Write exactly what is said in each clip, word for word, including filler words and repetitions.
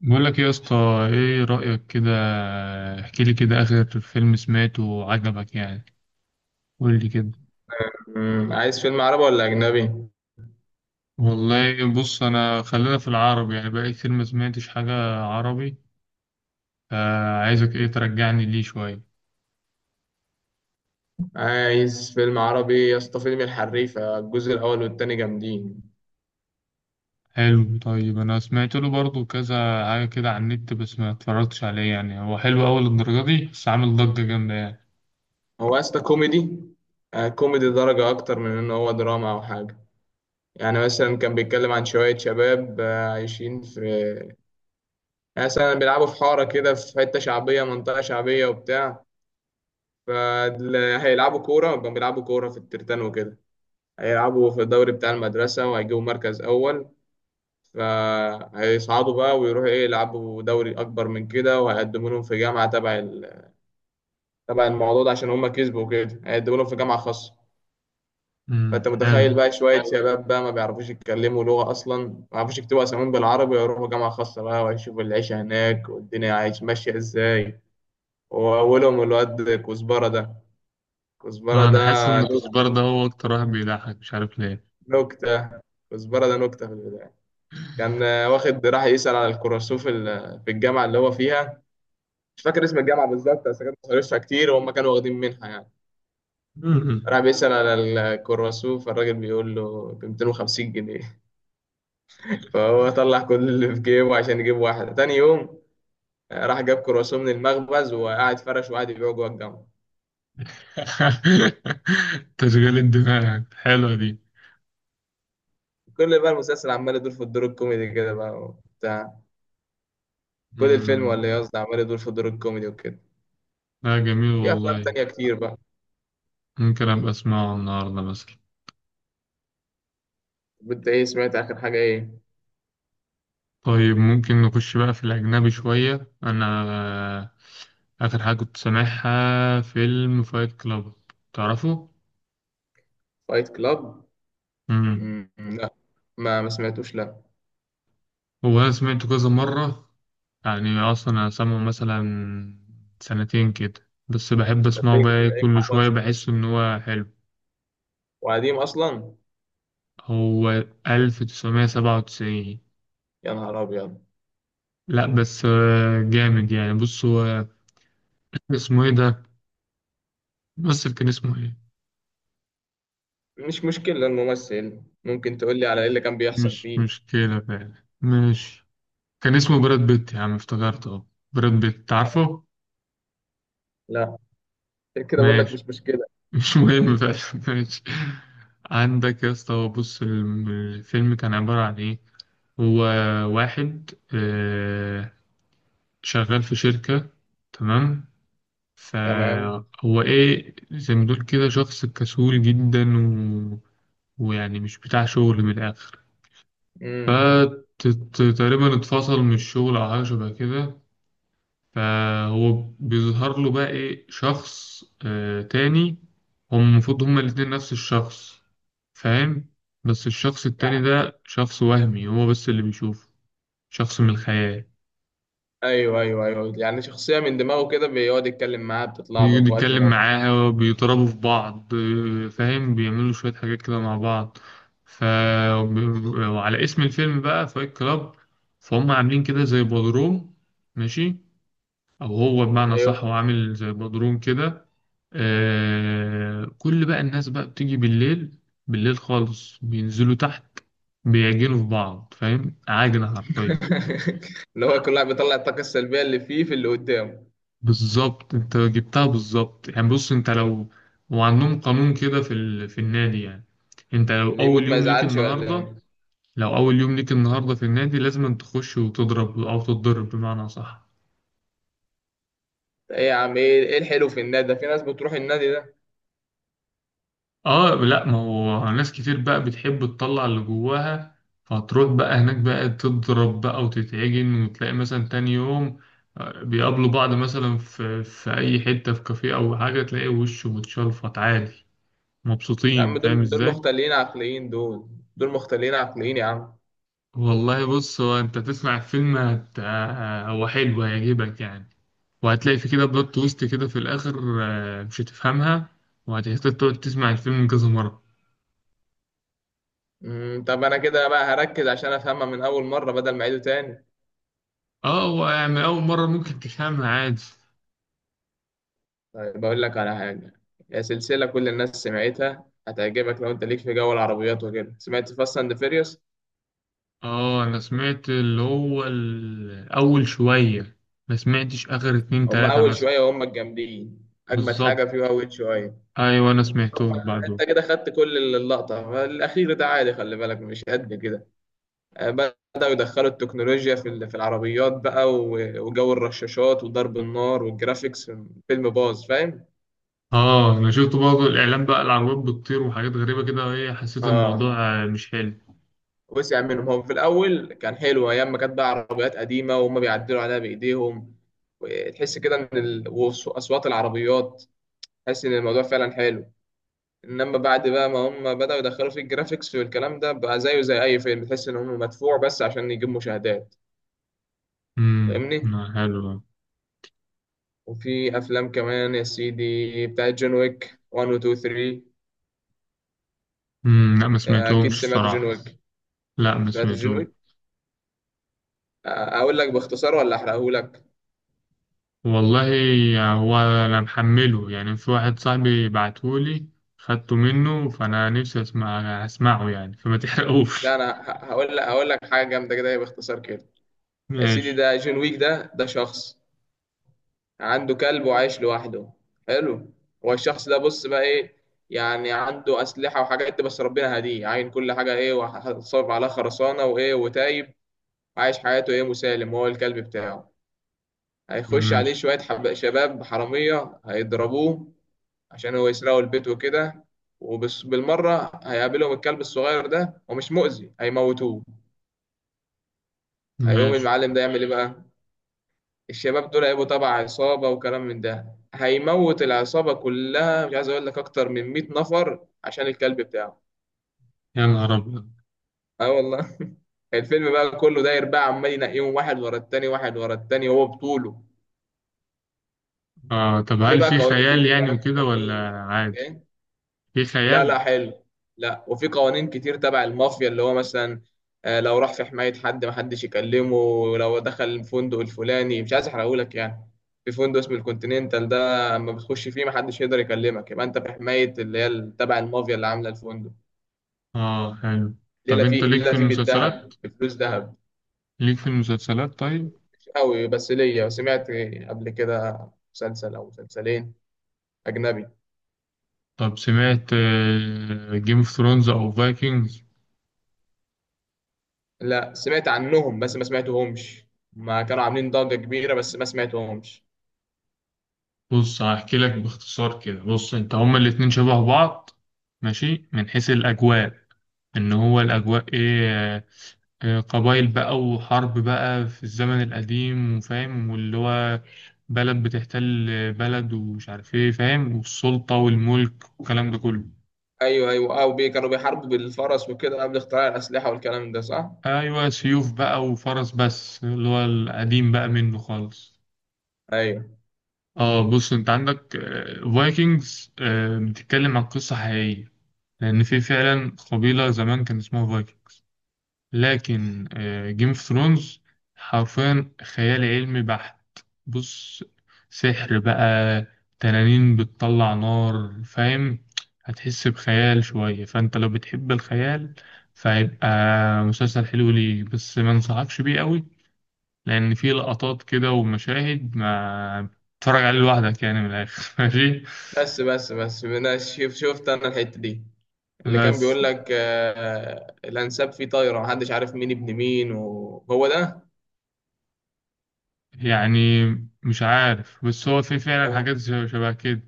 بقول لك إيه يا اسطى؟ ايه رأيك كده؟ احكي لي كده، اخر فيلم سمعته وعجبك يعني. قول لي كده. مم. عايز فيلم عربي ولا أجنبي؟ والله بص، انا خلينا في العربي، يعني بقالي كتير ما سمعتش حاجة. عربي. فعايزك ايه ترجعني ليه شوية. عايز فيلم عربي يا اسطى، فيلم الحريفة الجزء الأول والتاني جامدين. حلو. طيب انا سمعت له برضو كذا حاجة كده على النت، بس ما اتفرجتش عليه. يعني هو حلو اول الدرجة دي، بس عامل ضجة جامدة يعني. هو يا اسطى كوميدي؟ آه، كوميدي درجة أكتر من إن هو دراما أو حاجة. يعني مثلا كان بيتكلم عن شوية شباب آه، عايشين في، يعني مثلا بيلعبوا في حارة كده، في حتة شعبية، منطقة شعبية وبتاع. فهيلعبوا كورة، كانوا بيلعبوا كورة في الترتان وكده. هيلعبوا في الدوري بتاع المدرسة وهيجيبوا مركز أول. فهيصعدوا بقى ويروحوا ايه، يلعبوا دوري اكبر من كده، وهيقدموا لهم في جامعه تبع ال- تبع الموضوع ده، عشان هم كسبوا كده هيقدموا لهم في جامعه خاصه. امم، فانت حلو. متخيل بقى، شويه شباب بقى ما بيعرفوش يتكلموا لغه اصلا، ما بيعرفوش يكتبوا اساميهم بالعربي، يروحوا جامعه خاصه بقى، ويشوفوا العيشه هناك والدنيا عايش ماشيه ازاي. واولهم الواد كزبره ده. كزبره اه، انا ده حاسس ان نك- كزبرة ده هو اكتر واحد بيضحك، مش عارف ليه. نكته. كزبره ده نكته في البدايه. كان واخد راح يسال على الكراسوف ال- في الجامعه اللي هو فيها. مش فاكر اسم الجامعه بالظبط، بس كانت مصاريفها كتير وهم كانوا واخدين منها يعني. راح بيسأل على الكرواسون، فالراجل بيقول له ب مئتين وخمسين جنيه. فهو طلع كل اللي في جيبه عشان يجيب واحده تاني يوم. آه، راح جاب كرواسون من المخبز وقعد فرش وقعد يبيعه جوه الجامعه. تشغيل الدماغ حلوة دي. كل بقى المسلسل عمال يدور في الدور الكوميدي كده بقى وبتاع. كل الفيلم، مم. ولا إيه قصدي، عمال يدور في الدور الكوميدي وكده. لا، جميل في افلام والله. تانية كتير بقى. ممكن أبقى أسمعه النهاردة مثلا. انت ايه سمعت اخر حاجه ايه؟ طيب، ممكن نخش بقى في الأجنبي شوية. أنا آخر حاجة كنت سامعها فيلم فايت كلاب. تعرفه؟ فايت كلاب؟ مم. لا. ما ما سمعتوش، لا. هو أنا سمعته كذا مرة، يعني أصلا أنا سامعه مثلا سنتين كده، بس بحب ده أسمعه بقى، تلاقيك إيه، تلاقيك كل شوية حفظت. بحس إن هو حلو. وقديم اصلا. هو ألف وتسعمية وسبعة وتسعين. يا نهار ابيض. لا بس آه، جامد، يعني بص هو. اسمه ايه ده؟ الممثل كان اسمه ايه؟ مش مشكله الممثل، ممكن تقول لي على ايه اللي كان بيحصل مش فيه. مشكلة بقى. ماشي. كان اسمه براد بيت يا عم، افتكرت اه. براد بيت، عارفه. لا، عشان كده بقول لك ماشي. مش مشكله. مش مهم بقى. ماشي. عندك يا اسطى، هو بص الم- الفيلم كان عبارة عن ايه. هو واحد آه، شغال في شركة. تمام. تمام. فهو ايه، زي ما تقول كده شخص كسول جدا و... ويعني مش بتاع شغل من الآخر. امم. فتقريبا اتفصل من الشغل أو حاجة شبه كده. فهو بيظهر له بقى إيه شخص آه تاني. هم المفروض هما الاتنين نفس الشخص، فاهم. بس الشخص التاني يعني. ده شخص وهمي، هو بس اللي بيشوفه. شخص من الخيال، ايوه ايوه ايوه، يعني شخصيه من دماغه كده بيقعد يتكلم معاها، بتطلع له بيقعد في وقت من يتكلم الاوقات. معاها، بيضربوا في بعض آه، فاهم، بيعملوا شوية حاجات كده مع بعض. ف وب- وعلى اسم الفيلم بقى فايت كلاب، فهم عاملين كده زي بودروم. ماشي. او هو بمعنى صح، هو ايوه. عامل زي بدروم كده. آه، كل بقى الناس بقى بتيجي بالليل. بالليل خالص بينزلوا تحت، بيعجنوا في بعض، فاهم، عاجنة حرفيا. اللي هو كل واحد بيطلع الطاقه السلبيه اللي فيه في اللي قدامه. بالظبط، انت جبتها بالظبط. يعني بص، انت لو، وعندهم قانون كده في ال... في النادي يعني. انت لو اللي يموت اول ما يوم ليك يزعلش ولا النهارده ايه؟ لو اول يوم ليك النهارده في النادي، لازم تخش وتضرب او تتضرب، بمعنى صح. ايه يا عم، ايه ايه الحلو في النادي ده، في ناس بتروح النادي ده؟ اه لا، ما هو ناس كتير بقى بتحب تطلع اللي جواها. فهتروح بقى هناك بقى، تضرب بقى وتتعجن، وتلاقي مثلا تاني يوم آه، بيقابلوا بعض مثلا في في اي حتة، في كافيه او حاجة، تلاقي وشه متشلفط عادي، يا مبسوطين، عم، فاهم دول دول ازاي. مختلين عقليين دول. دول مختلين عقليين يا عم. والله بص، هو انت تسمع الفيلم هت... آه، هو حلو، هيعجبك يعني. وهتلاقي في كده بلوت تويست كده في الاخر آه، مش هتفهمها، وهتحتاج تقعد تسمع الفيلم كذا مرة. مم، طب انا كده بقى هركز عشان افهمها من اول مره بدل ما اعيده تاني. اه، هو يعني أول مرة ممكن تفهمها عادي. طيب بقول لك على حاجه. هي سلسله كل الناس سمعتها هتعجبك، لو انت ليك في جو العربيات وكده، سمعت فاست اند فيريوس؟ اه، انا سمعت اللي هو الاول شوية، ما سمعتش اخر اتنين هم تلاتة اول مثلا. شويه، وهم الجامدين، اجمد حاجه فيه بالظبط. اول شويه. ايوه، انا طب سمعتهم بعده. انت كده خدت كل اللقطه، الاخير ده عادي خلي بالك مش قد كده. آه، بدأوا يدخلوا التكنولوجيا في ال- في العربيات بقى، و- وجو الرشاشات وضرب النار والجرافيكس. فيلم باظ، فاهم؟ اه، انا شفت برضه الاعلان بقى، العربيات بتطير وحاجات غريبة كده، ايه، حسيت اه، الموضوع آه، مش حلو. وسع منهم. هم في الأول كان حلو أيام ما كانت بقى عربيات قديمة، وهم بيعدلوا عليها بإيديهم، وتحس كده إن ال... وأصوات العربيات، تحس إن الموضوع فعلا حلو. إنما بعد بقى ما هم بدأوا يدخلوا في الجرافيكس والكلام ده، بقى زيه زي أي فيلم، تحس إن هم مدفوع بس عشان يجيب مشاهدات. امم، فاهمني؟ ما حلو. وفي أفلام كمان يا سيدي بتاعت جون ويك واحد و اتنين تلاتة. امم، لا ما آه، أكيد سمعتهمش سمعت جون الصراحة. ويك. لا، ما سمعت جون سمعتهمش. ويك؟ آه، أقول لك باختصار ولا أحرقهولك؟ والله، هو انا محمله يعني، في واحد صاحبي بعتهولي، خدته منه، فانا نفسي اسمع. اسمعه يعني، فما لا تحرقوش. أنا ه- هقول لك هقول لك حاجة جامدة كده باختصار كده. يا سيدي، ماشي. ده جون ويك، ده ده شخص عنده كلب وعايش لوحده. حلو. هو الشخص ده بص بقى ايه، يعني عنده أسلحة وحاجات، بس ربنا هديه، عاين كل حاجة ايه، وهتصرف عليها خرسانة وايه وتايب. عايش حياته ايه مسالم هو الكلب بتاعه. هيخش عليه ماشي. شوية حب... شباب حرامية هيضربوه عشان هو يسرقوا البيت وكده، وبالمرة هيقابلهم الكلب الصغير ده، ومش مؤذي، هيموتوه. هيقوم ماشي. المعلم ده يعمل ايه بقى؟ الشباب دول هيبقوا تبع عصابة وكلام من ده، هيموت العصابة كلها، مش عايز أقول لك، أكتر من مئة نفر عشان الكلب بتاعه. يا نهار أبيض. اه والله. الفيلم بقى كله داير بقى، عمال ينقيهم واحد ورا التاني، واحد ورا التاني، وهو بطوله. آه، طب في هل بقى في قوانين، في خيال يعني بقى وكده ولا قوانين. عادي؟ إيه؟ في لا خيال؟ لا، حلو. لا، وفي قوانين كتير تبع المافيا، اللي هو مثلا آه، لو راح في حماية حد محدش يكلمه، ولو دخل الفندق الفلاني، مش عايز احرقهولك يعني، في فندق اسمه الكونتيننتال ده، اما بتخش فيه محدش يقدر يكلمك، يبقى انت في حماية اللي هي ال- تبع المافيا اللي عاملة الفندق. آه، حلو. طب ليلة أنت فيه، ليك ليلة في فيه المسلسلات؟ بالذهب، بفلوس ذهب. ليك في المسلسلات طيب؟ مش قوي، بس ليا سمعت قبل كده مسلسل او مسلسلين اجنبي. طب، سمعت جيم اوف ثرونز أو فايكنجز؟ لا سمعت عنهم بس ما سمعتهمش. ما كانوا عاملين ضجة كبيرة، بس ما سمعتهمش. بص، هحكي لك باختصار كده. بص، أنت هما الاتنين شبه بعض، ماشي، من حيث الأجواء. ان هو الاجواء ايه آه، آه، قبائل بقى وحرب بقى في الزمن القديم، وفاهم، واللي هو بلد بتحتل بلد، ومش عارف ايه، فاهم، والسلطة والملك والكلام ده كله. ايوه ايوه، او بي كانوا بيحاربوا بالفرس وكده، قبل اختراع الاسلحه والكلام ده، صح؟ ايوه، سيوف بقى وفرس، بس اللي هو القديم بقى منه خالص. ايوه. اه بص، انت عندك آه، فايكنجز آه، بتتكلم عن قصة حقيقية، لان في فعلا قبيلة زمان كان اسمها فايكنج. لكن جيم اوف ثرونز حرفيا خيال علمي بحت. بص، سحر بقى، تنانين بتطلع نار، فاهم، هتحس بخيال شوية. فانت لو بتحب الخيال، فهيبقى مسلسل حلو ليك، بس ما انصحكش بيه قوي، لان فيه لقطات كده ومشاهد ما تتفرج عليه لوحدك يعني، من الاخر. ماشي. بس بس بس، انا شف- شفت انا الحته دي، اللي كان بس بيقول لك آه، الانساب فيه طايره، محدش عارف مين ابن مين، وهو ده. يعني مش عارف، بس هو في فعلا هو حاجات شبه كده.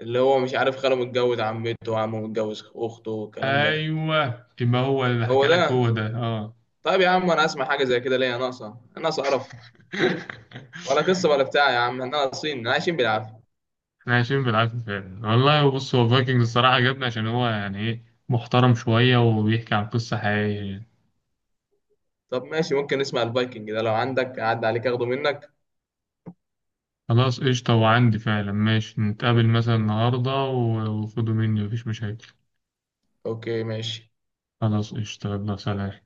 اللي هو مش عارف خاله متجوز عمته، وعمه متجوز اخته، والكلام ده. ايوه، يبقى هو اللي حكى هو لك، ده. هو ده اه. طيب يا عم، انا اسمع حاجه زي كده ليه؟ يا ناقصه ناقصه قرف. ولا قصه ولا بتاع يا عم، احنا ناقصين، عايشين بالعافيه. احنا عايشين بالعافيه فعلا. والله بص، هو فايكنجز الصراحه عجبني، عشان هو يعني ايه، محترم شويه، وبيحكي عن قصه حقيقيه يعني. طب ماشي، ممكن نسمع الفايكنج ده لو عندك، عدى عليك اخده منك. خلاص قشطه، وعندي فعلا، ماشي، نتقابل مثلا النهارده و- وخدوا مني، مفيش مشاكل. اوكي ماشي. خلاص قشطه، يلا سلام.